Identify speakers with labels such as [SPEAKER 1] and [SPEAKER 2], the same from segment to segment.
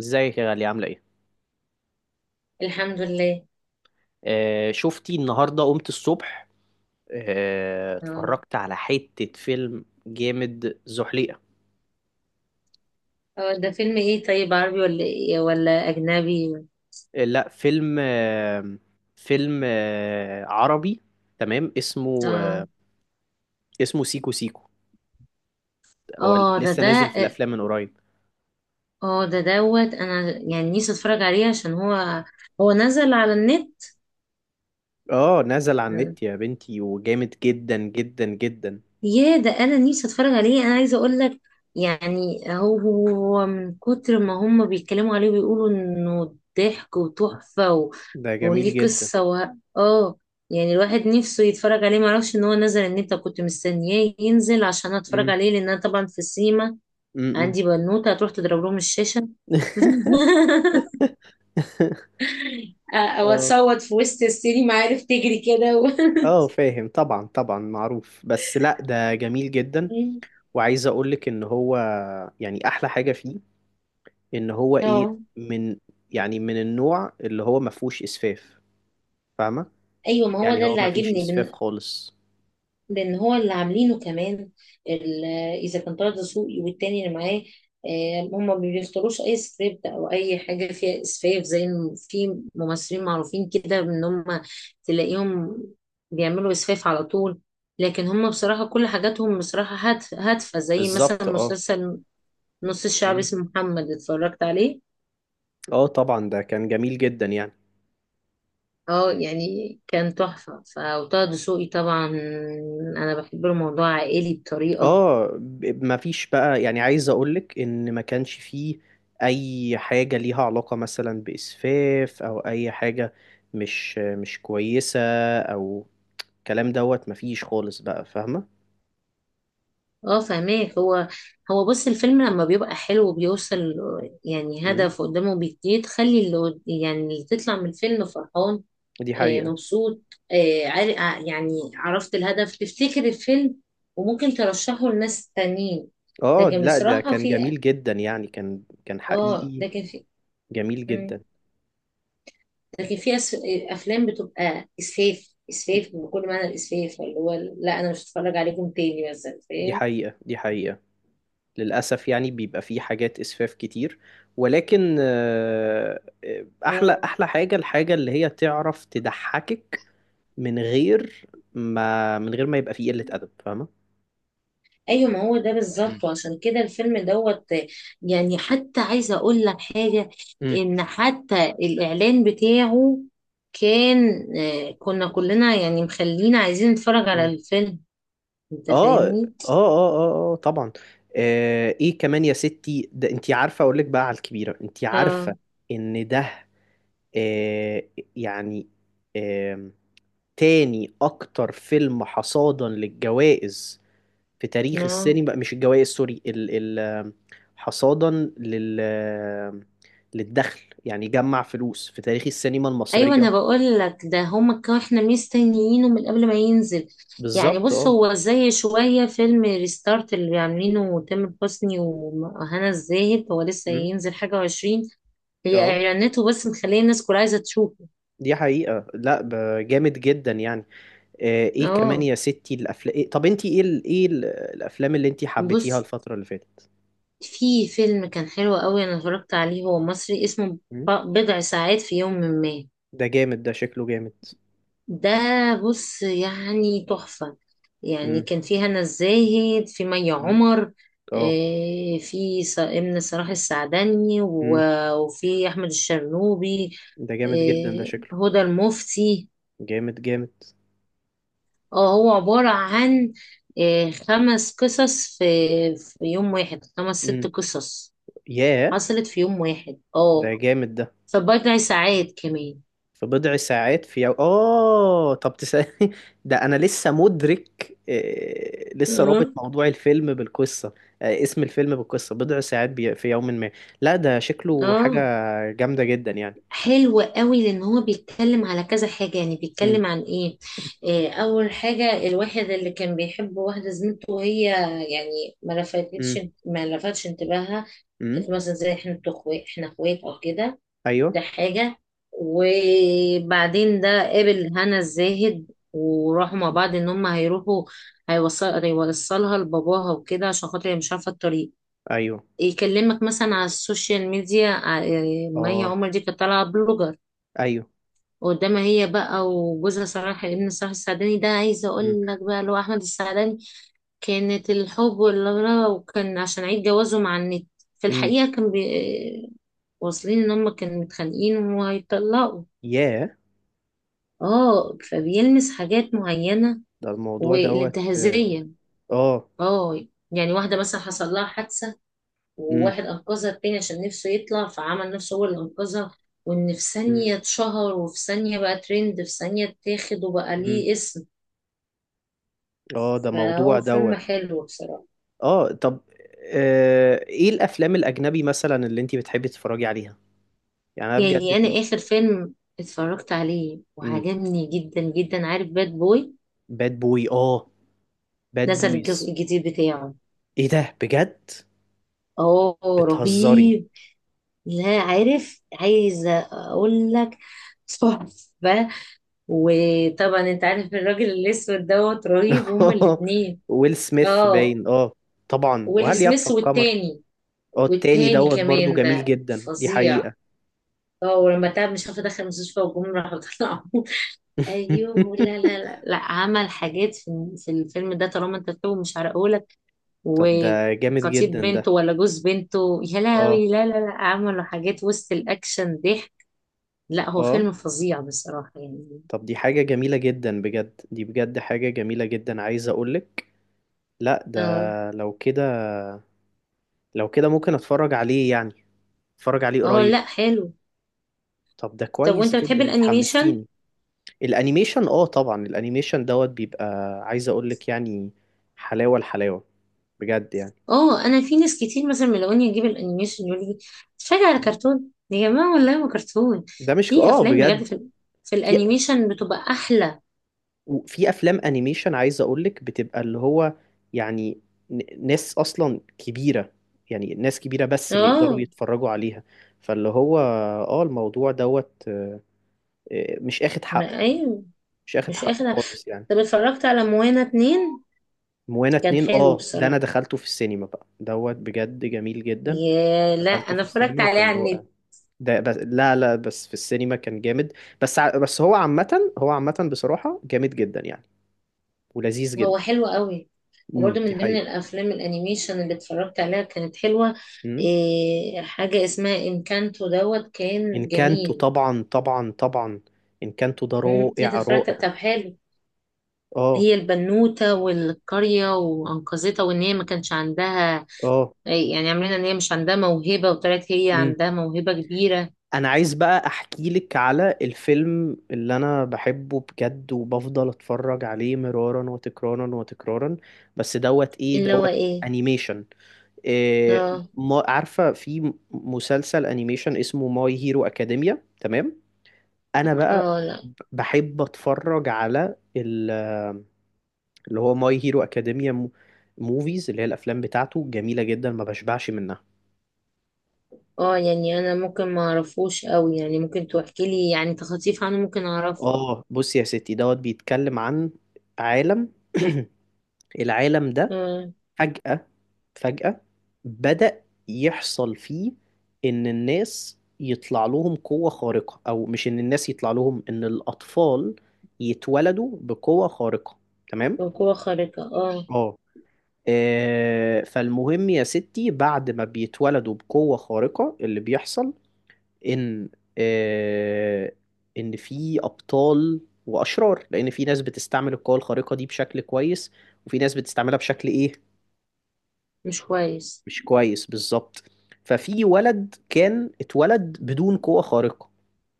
[SPEAKER 1] ازيك يا غالية، عاملة ايه؟
[SPEAKER 2] الحمد لله.
[SPEAKER 1] آه، شفتي النهاردة قمت الصبح،
[SPEAKER 2] اه،
[SPEAKER 1] اتفرجت على حتة فيلم جامد، زحليقة.
[SPEAKER 2] هو ده فيلم ايه؟ طيب، عربي ولا إيه ولا اجنبي؟
[SPEAKER 1] لا، فيلم، فيلم عربي تمام. اسمه،
[SPEAKER 2] اه،
[SPEAKER 1] اسمه سيكو سيكو، هو
[SPEAKER 2] اه. ده
[SPEAKER 1] لسه
[SPEAKER 2] ده
[SPEAKER 1] نازل في الأفلام من قريب.
[SPEAKER 2] اه، ده دوت انا يعني نفسي اتفرج عليه عشان هو نزل على النت.
[SPEAKER 1] اه، نزل على النت يا بنتي، وجامد جدا جدا جدا.
[SPEAKER 2] يا ده، انا نفسي اتفرج عليه، انا عايزه اقول لك. يعني هو من كتر ما هم بيتكلموا عليه بيقولوا انه ضحك وتحفه، و...
[SPEAKER 1] ده جميل
[SPEAKER 2] وليه
[SPEAKER 1] جدا.
[SPEAKER 2] قصه. و... اه. يعني الواحد نفسه يتفرج عليه، معرفش ان هو نزل النت، كنت مستنياه ينزل عشان اتفرج
[SPEAKER 1] امم،
[SPEAKER 2] عليه، لان انا طبعا في السينما
[SPEAKER 1] امم.
[SPEAKER 2] عندي بنوته هتروح تضرب لهم الشاشه، او
[SPEAKER 1] اه
[SPEAKER 2] اتصوت في وسط السينما، عارف، تجري كده. و...
[SPEAKER 1] اه، فاهم. طبعا طبعا، معروف. بس لا، ده جميل جدا. وعايز اقولك ان هو يعني احلى حاجة فيه ان هو ايه؟
[SPEAKER 2] اه،
[SPEAKER 1] من، يعني من النوع اللي هو ما فيهوش اسفاف، فاهمة؟
[SPEAKER 2] ايوه، ما هو
[SPEAKER 1] يعني
[SPEAKER 2] ده
[SPEAKER 1] هو
[SPEAKER 2] اللي
[SPEAKER 1] ما فيش
[SPEAKER 2] عاجبني،
[SPEAKER 1] اسفاف خالص.
[SPEAKER 2] لان هو اللي عاملينه كمان. ال- اذا كان طه دسوقي والتاني اللي معاه، آه، هما ما بيختاروش اي سكريبت او اي حاجه فيها اسفاف، زي إن في ممثلين معروفين كده ان هما تلاقيهم بيعملوا اسفاف على طول، لكن هما بصراحه كل حاجاتهم بصراحه هادفه زي مثلا
[SPEAKER 1] بالظبط اه.
[SPEAKER 2] مسلسل نص الشعب
[SPEAKER 1] مم.
[SPEAKER 2] اسمه محمد، اتفرجت عليه.
[SPEAKER 1] اه طبعا، ده كان جميل جدا يعني.
[SPEAKER 2] اه، يعني كان تحفه. وطه دسوقي طبعا انا بحب له، موضوع عائلي بطريقه.
[SPEAKER 1] اه، ما فيش بقى، يعني عايز اقولك ان ما كانش فيه اي حاجة ليها علاقة مثلا باسفاف او اي حاجة مش كويسة، او الكلام دوت ما فيش خالص بقى، فاهمة؟
[SPEAKER 2] اه، فهماك. هو بص، الفيلم لما بيبقى حلو وبيوصل يعني
[SPEAKER 1] مم.
[SPEAKER 2] هدف قدامه بيديه، تخلي اللي يعني اللي تطلع من الفيلم فرحان،
[SPEAKER 1] دي
[SPEAKER 2] آه،
[SPEAKER 1] حقيقة.
[SPEAKER 2] مبسوط. آه، يعني عرفت الهدف، تفتكر الفيلم وممكن ترشحه لناس تانيين.
[SPEAKER 1] اه
[SPEAKER 2] لكن
[SPEAKER 1] لا، ده
[SPEAKER 2] بصراحة
[SPEAKER 1] كان
[SPEAKER 2] في،
[SPEAKER 1] جميل جدا يعني، كان
[SPEAKER 2] اه،
[SPEAKER 1] حقيقي.
[SPEAKER 2] لكن في،
[SPEAKER 1] جميل
[SPEAKER 2] مم،
[SPEAKER 1] جدا.
[SPEAKER 2] لكن في افلام بتبقى اسفاف، اسفاف بكل معنى الاسفاف، اللي هو لا انا مش هتفرج عليكم تاني مثلا،
[SPEAKER 1] دي
[SPEAKER 2] فاهم.
[SPEAKER 1] حقيقة، دي حقيقة. للأسف يعني بيبقى فيه حاجات إسفاف كتير، ولكن أحلى
[SPEAKER 2] اه،
[SPEAKER 1] أحلى حاجة، الحاجة اللي هي تعرف تضحكك من غير ما، يبقى فيه قلة أدب، فاهمة؟
[SPEAKER 2] ايوه، ما هو ده
[SPEAKER 1] مم.
[SPEAKER 2] بالظبط، وعشان كده الفيلم دوت. يعني حتى عايزه اقول لك حاجه،
[SPEAKER 1] مم.
[SPEAKER 2] ان حتى الاعلان بتاعه كان، آه، كنا كلنا يعني مخلينا عايزين نتفرج على
[SPEAKER 1] مم.
[SPEAKER 2] الفيلم، انت
[SPEAKER 1] اه اه
[SPEAKER 2] فاهمني.
[SPEAKER 1] اه اه اه، طبعا. ايه كمان يا ستي؟ ده انتي عارفه اقول لك بقى على الكبيره، انتي
[SPEAKER 2] اه.
[SPEAKER 1] عارفه ان ده، آه، يعني، آم، تاني أكتر فيلم حصادا للجوائز في تاريخ
[SPEAKER 2] آه.
[SPEAKER 1] السينما، مش الجوائز سوري، ال ال آم، حصادا لل آم، للدخل، يعني جمع فلوس في تاريخ السينما
[SPEAKER 2] ايوه،
[SPEAKER 1] المصرية.
[SPEAKER 2] انا بقول لك، ده هما كانوا احنا مستنيينه من قبل ما ينزل. يعني
[SPEAKER 1] بالظبط
[SPEAKER 2] بص،
[SPEAKER 1] اه.
[SPEAKER 2] هو زي شويه فيلم ريستارت اللي عاملينه تامر حسني وهنا الزاهد، هو لسه
[SPEAKER 1] أمم،
[SPEAKER 2] ينزل حاجه وعشرين، هي
[SPEAKER 1] اه.
[SPEAKER 2] اعلاناته بس مخليه الناس كلها عايزه تشوفه.
[SPEAKER 1] دي حقيقة. لا جامد جدا يعني. ايه كمان
[SPEAKER 2] اه،
[SPEAKER 1] يا ستي، الافلام إيه؟ طب انتي ايه ايه الافلام اللي انتي حبيتيها
[SPEAKER 2] بص،
[SPEAKER 1] الفترة اللي فاتت؟
[SPEAKER 2] في فيلم كان حلو قوي انا اتفرجت عليه، هو مصري، اسمه
[SPEAKER 1] أمم،
[SPEAKER 2] بضع ساعات في يوم ما.
[SPEAKER 1] ده جامد، ده شكله جامد.
[SPEAKER 2] ده، بص، يعني تحفه. يعني
[SPEAKER 1] أمم،
[SPEAKER 2] كان في هنا الزاهد، في مي
[SPEAKER 1] أمم،
[SPEAKER 2] عمر،
[SPEAKER 1] اه.
[SPEAKER 2] آه، في امن صلاح السعدني
[SPEAKER 1] امم،
[SPEAKER 2] وفي احمد الشرنوبي،
[SPEAKER 1] ده جامد جدا، ده
[SPEAKER 2] آه،
[SPEAKER 1] شكله
[SPEAKER 2] هدى المفتي.
[SPEAKER 1] جامد جامد.
[SPEAKER 2] اه، هو عبارة عن، آه، خمس قصص في، في يوم واحد، خمس ست
[SPEAKER 1] امم
[SPEAKER 2] قصص
[SPEAKER 1] ياه،
[SPEAKER 2] حصلت في يوم واحد.
[SPEAKER 1] ده
[SPEAKER 2] اه،
[SPEAKER 1] جامد ده.
[SPEAKER 2] في بضع ساعات كمان.
[SPEAKER 1] في بضع ساعات في اه طب تسألني. ده انا لسه مدرك، لسه رابط
[SPEAKER 2] اه.
[SPEAKER 1] موضوع الفيلم بالقصة، اسم الفيلم بالقصة بضع ساعات في يوم ما. لا ده شكله حاجة
[SPEAKER 2] اه،
[SPEAKER 1] جامدة جدا يعني.
[SPEAKER 2] حلو قوي لان هو بيتكلم على كذا حاجة. يعني
[SPEAKER 1] امم،
[SPEAKER 2] بيتكلم عن ايه؟ آه، اول حاجة الواحد اللي كان بيحب واحدة زميلته وهي يعني
[SPEAKER 1] امم،
[SPEAKER 2] ما لفتش انتباهها،
[SPEAKER 1] امم.
[SPEAKER 2] كانت مثلا زي احنا اخوات، احنا اخوات او كده. ده
[SPEAKER 1] ايوه،
[SPEAKER 2] حاجة. وبعدين ده قابل هنا الزاهد وراحوا مع بعض، ان هم هيروحوا، هيوصلها لباباها وكده عشان خاطر هي مش عارفة الطريق،
[SPEAKER 1] ايوه،
[SPEAKER 2] يكلمك مثلا على السوشيال ميديا. مي
[SPEAKER 1] اه،
[SPEAKER 2] عمر دي كانت طالعة بلوجر
[SPEAKER 1] ايوه.
[SPEAKER 2] قدامها، هي بقى وجوزها صلاح ابن صلاح السعداني، ده عايزة
[SPEAKER 1] امم،
[SPEAKER 2] اقول لك بقى اللي هو احمد السعداني، كانت الحب والغلا، وكان عشان عيد جوازه مع النت. في
[SPEAKER 1] امم،
[SPEAKER 2] الحقيقة كان واصلين ان هم كانوا متخانقين وهيطلقوا.
[SPEAKER 1] ياه،
[SPEAKER 2] اه، فبيلمس حاجات معينة
[SPEAKER 1] ده الموضوع دوت.
[SPEAKER 2] والانتهازية.
[SPEAKER 1] اه.
[SPEAKER 2] اه، يعني واحدة مثلا حصل لها حادثة
[SPEAKER 1] امم،
[SPEAKER 2] وواحد أنقذها، التاني عشان نفسه يطلع فعمل نفسه هو اللي أنقذها، وإن في ثانية اتشهر، وفي ثانية بقى ترند، في ثانية اتاخد وبقى
[SPEAKER 1] امم،
[SPEAKER 2] ليه اسم.
[SPEAKER 1] اه، ده موضوع
[SPEAKER 2] فهو فيلم
[SPEAKER 1] دوت.
[SPEAKER 2] حلو بصراحة.
[SPEAKER 1] اه. طب، ايه الافلام الاجنبي مثلا اللي انتي بتحبي تتفرجي عليها؟ يعني انا بجد
[SPEAKER 2] يعني أنا
[SPEAKER 1] في،
[SPEAKER 2] آخر فيلم اتفرجت عليه
[SPEAKER 1] امم
[SPEAKER 2] وعجبني جدا جدا، عارف، باد بوي،
[SPEAKER 1] باد بوي. اه، باد
[SPEAKER 2] نزل
[SPEAKER 1] بويز!
[SPEAKER 2] الجزء الجديد بتاعه.
[SPEAKER 1] ايه ده؟ بجد؟
[SPEAKER 2] اه،
[SPEAKER 1] بتهزري؟
[SPEAKER 2] رهيب. لا، عارف، عايزة اقول لك تحفة. وطبعا انت عارف الراجل الاسود دوت رهيب، هما الاتنين.
[SPEAKER 1] ويل سميث
[SPEAKER 2] اه،
[SPEAKER 1] باين، اه. طبعا،
[SPEAKER 2] ويلي
[SPEAKER 1] وهل يخفى
[SPEAKER 2] سميث
[SPEAKER 1] القمر؟
[SPEAKER 2] والتاني،
[SPEAKER 1] اه، التاني
[SPEAKER 2] والتاني
[SPEAKER 1] دوت برضو
[SPEAKER 2] كمان
[SPEAKER 1] جميل
[SPEAKER 2] ده
[SPEAKER 1] جدا، دي
[SPEAKER 2] فظيع.
[SPEAKER 1] حقيقة.
[SPEAKER 2] اه، ولما تعب مش عارفه دخل المستشفى والجمهور راحوا طلعوا. ايوه، لا، لا، لا، لا، عمل حاجات في، في الفيلم ده، طالما انت فيه مش هرقهولك.
[SPEAKER 1] طب ده جامد
[SPEAKER 2] وخطيب
[SPEAKER 1] جدا ده،
[SPEAKER 2] بنته ولا جوز بنته، يا
[SPEAKER 1] اه
[SPEAKER 2] لهوي، لا، لا، لا، عملوا حاجات وسط الاكشن ضحك. لا، هو
[SPEAKER 1] اه.
[SPEAKER 2] فيلم فظيع بصراحة يعني.
[SPEAKER 1] طب دي حاجة جميلة جدا بجد، دي بجد حاجة جميلة جدا عايز اقولك. لا ده،
[SPEAKER 2] اه.
[SPEAKER 1] لو كده، لو كده ممكن اتفرج عليه يعني، اتفرج عليه
[SPEAKER 2] اه،
[SPEAKER 1] قريب.
[SPEAKER 2] لا، حلو.
[SPEAKER 1] طب ده
[SPEAKER 2] طب،
[SPEAKER 1] كويس
[SPEAKER 2] وانت بتحب
[SPEAKER 1] جدا، انت
[SPEAKER 2] الانيميشن؟
[SPEAKER 1] حمستيني. الانيميشن، اه طبعا، الانيميشن دوت بيبقى، عايز اقول لك يعني، حلاوة الحلاوة، بجد يعني.
[SPEAKER 2] اه، انا في ناس كتير مثلا ملاقوني اجيب الانيميشن يقول لي اتفرج على كرتون، يا جماعة، والله ما كرتون،
[SPEAKER 1] ده مش،
[SPEAKER 2] في
[SPEAKER 1] اه
[SPEAKER 2] افلام بجد،
[SPEAKER 1] بجد،
[SPEAKER 2] في
[SPEAKER 1] في،
[SPEAKER 2] الانيميشن بتبقى احلى.
[SPEAKER 1] في افلام انيميشن عايز اقول لك بتبقى اللي هو، يعني، ناس اصلا كبيرة، يعني ناس كبيرة بس اللي يقدروا
[SPEAKER 2] اه،
[SPEAKER 1] يتفرجوا عليها. فاللي هو اه الموضوع دوت، مش اخد حقه،
[SPEAKER 2] ايوه،
[SPEAKER 1] مش اخد
[SPEAKER 2] مش
[SPEAKER 1] حقه
[SPEAKER 2] اخر.
[SPEAKER 1] خالص يعني.
[SPEAKER 2] طب، اتفرجت على موانا 2؟
[SPEAKER 1] موانا
[SPEAKER 2] كان
[SPEAKER 1] اتنين،
[SPEAKER 2] حلو
[SPEAKER 1] اه ده انا
[SPEAKER 2] بصراحة.
[SPEAKER 1] دخلته في السينما بقى دوت، بجد جميل جدا.
[SPEAKER 2] يا لا،
[SPEAKER 1] دخلته
[SPEAKER 2] انا
[SPEAKER 1] في
[SPEAKER 2] اتفرجت
[SPEAKER 1] السينما
[SPEAKER 2] عليه
[SPEAKER 1] وكان
[SPEAKER 2] على
[SPEAKER 1] رائع،
[SPEAKER 2] النت.
[SPEAKER 1] ده بس لا لا، بس في السينما كان جامد. بس هو عامة، هو عامة بصراحة جامد جدا يعني، ولذيذ
[SPEAKER 2] هو
[SPEAKER 1] جدا.
[SPEAKER 2] حلو قوي.
[SPEAKER 1] امم،
[SPEAKER 2] وبرده
[SPEAKER 1] دي
[SPEAKER 2] من ضمن
[SPEAKER 1] حقيقة.
[SPEAKER 2] الافلام الانيميشن اللي اتفرجت عليها كانت حلوه،
[SPEAKER 1] امم.
[SPEAKER 2] إيه، حاجه اسمها انكانتو دوت، كان
[SPEAKER 1] ان كانتو،
[SPEAKER 2] جميل.
[SPEAKER 1] طبعا طبعا طبعا، ان كانتو ده
[SPEAKER 2] مم، ايه ده
[SPEAKER 1] رائع
[SPEAKER 2] اتفرجت؟
[SPEAKER 1] رائع.
[SPEAKER 2] طب، حلو.
[SPEAKER 1] اه،
[SPEAKER 2] هي البنوته، والقريه وانقذتها، وان هي ما كانش عندها،
[SPEAKER 1] اه.
[SPEAKER 2] آه، يعني عاملين ان هي مش عندها موهبه، وطلعت هي
[SPEAKER 1] امم.
[SPEAKER 2] عندها موهبه كبيره.
[SPEAKER 1] انا عايز بقى احكي لك على الفيلم اللي انا بحبه بجد وبفضل اتفرج عليه مرارا وتكرارا وتكرارا، بس دوت ايه
[SPEAKER 2] اللي هو
[SPEAKER 1] دوت؟
[SPEAKER 2] ايه؟
[SPEAKER 1] انيميشن. إيه
[SPEAKER 2] اه.
[SPEAKER 1] ما عارفة في مسلسل انيميشن اسمه ماي هيرو اكاديميا، تمام؟ انا بقى،
[SPEAKER 2] اه، لا.
[SPEAKER 1] بحب اتفرج على اللي هو ماي هيرو اكاديميا موفيز، اللي هي الافلام بتاعته جميلة جدا، ما بشبعش منها.
[SPEAKER 2] اه، يعني انا ممكن ما اعرفوش قوي، يعني ممكن تحكي لي، يعني تخطيف عنه ممكن اعرفه.
[SPEAKER 1] اه بص يا ستي، دوت بيتكلم عن، عالم، العالم ده
[SPEAKER 2] اه.
[SPEAKER 1] فجأة، فجأة بدأ يحصل فيه إن الناس يطلع لهم قوة خارقة، أو مش إن الناس يطلع لهم، إن الأطفال يتولدوا بقوة خارقة، تمام؟
[SPEAKER 2] وقوة خارقة، اه.
[SPEAKER 1] اه، فالمهم يا ستي، بعد ما بيتولدوا بقوة خارقة، اللي بيحصل إن، آه، إن في أبطال وأشرار، لأن في ناس بتستعمل القوة الخارقة دي بشكل كويس، وفي ناس بتستعملها بشكل إيه؟
[SPEAKER 2] مش كويس.
[SPEAKER 1] مش كويس بالظبط. ففي ولد كان اتولد بدون قوة خارقة،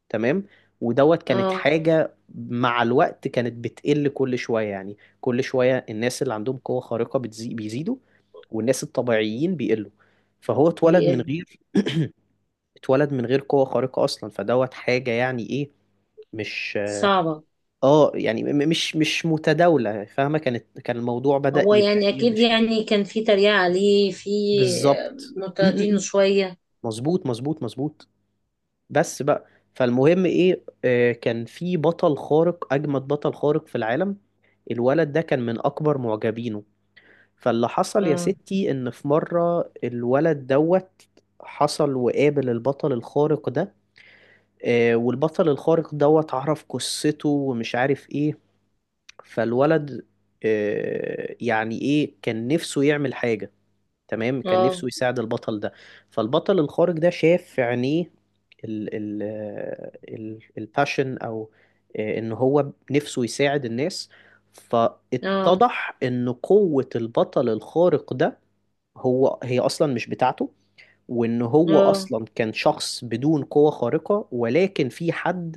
[SPEAKER 1] تمام. ودوت كانت
[SPEAKER 2] اه.
[SPEAKER 1] حاجة مع الوقت كانت بتقل، كل شوية يعني، كل شوية الناس اللي عندهم قوة خارقة بيزيدوا، والناس الطبيعيين بيقلوا. فهو اتولد من
[SPEAKER 2] بيقل.
[SPEAKER 1] غير، اتولد من غير قوة خارقة أصلا، فدوت حاجة يعني إيه؟ مش،
[SPEAKER 2] صعبة.
[SPEAKER 1] اه يعني، مش متداولة، فاهمة؟ كانت، كان الموضوع بدأ
[SPEAKER 2] هو
[SPEAKER 1] يبقى
[SPEAKER 2] يعني
[SPEAKER 1] إيه،
[SPEAKER 2] اكيد
[SPEAKER 1] مش كتير.
[SPEAKER 2] يعني كان في تريقة عليه، في
[SPEAKER 1] بالظبط. م- م-
[SPEAKER 2] معترضينه
[SPEAKER 1] م.
[SPEAKER 2] شوية.
[SPEAKER 1] مظبوط مظبوط مظبوط. بس بقى، فالمهم ايه، كان في بطل خارق، اجمد بطل خارق في العالم، الولد ده كان من اكبر معجبينه. فاللي حصل يا
[SPEAKER 2] اه.
[SPEAKER 1] ستي ان في مرة الولد دوت حصل وقابل البطل الخارق ده، والبطل الخارق دوت عرف قصته ومش عارف ايه، فالولد، يعني ايه، كان نفسه يعمل حاجة، تمام، كان
[SPEAKER 2] اه.
[SPEAKER 1] نفسه يساعد البطل ده. فالبطل الخارق ده شاف في عينيه ال ال ال الباشن، او ان هو نفسه يساعد الناس.
[SPEAKER 2] اه.
[SPEAKER 1] فاتضح ان قوة البطل الخارق ده، هي اصلا مش بتاعته، وان هو
[SPEAKER 2] اه.
[SPEAKER 1] اصلا كان شخص بدون قوة خارقة، ولكن في حد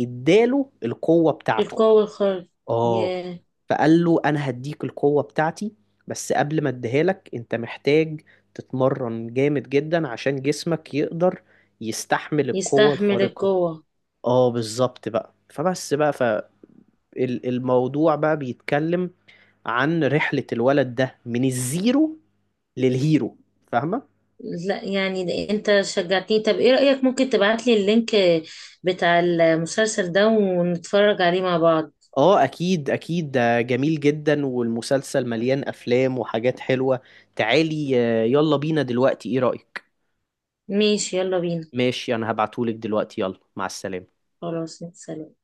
[SPEAKER 1] اداله القوة بتاعته.
[SPEAKER 2] القوة الخارج،
[SPEAKER 1] اه.
[SPEAKER 2] ي-
[SPEAKER 1] فقال له انا هديك القوة بتاعتي، بس قبل ما اديها لك انت محتاج تتمرن جامد جدا عشان جسمك يقدر يستحمل القوة
[SPEAKER 2] يستحمل
[SPEAKER 1] الخارقة.
[SPEAKER 2] القوة.
[SPEAKER 1] اه بالظبط بقى، فبس بقى فالموضوع بقى بيتكلم عن رحلة الولد ده من الزيرو للهيرو، فاهمة؟
[SPEAKER 2] لا، يعني ده انت شجعتني، طب ايه رأيك، ممكن تبعتلي اللينك بتاع المسلسل ده ونتفرج عليه مع بعض.
[SPEAKER 1] اه اكيد اكيد، ده جميل جدا، والمسلسل مليان افلام وحاجات حلوة. تعالي، يلا بينا دلوقتي، ايه رأيك؟
[SPEAKER 2] ماشي، يلا بينا.
[SPEAKER 1] ماشي، انا هبعتهولك دلوقتي، يلا مع السلامة.
[SPEAKER 2] خلاص سلام.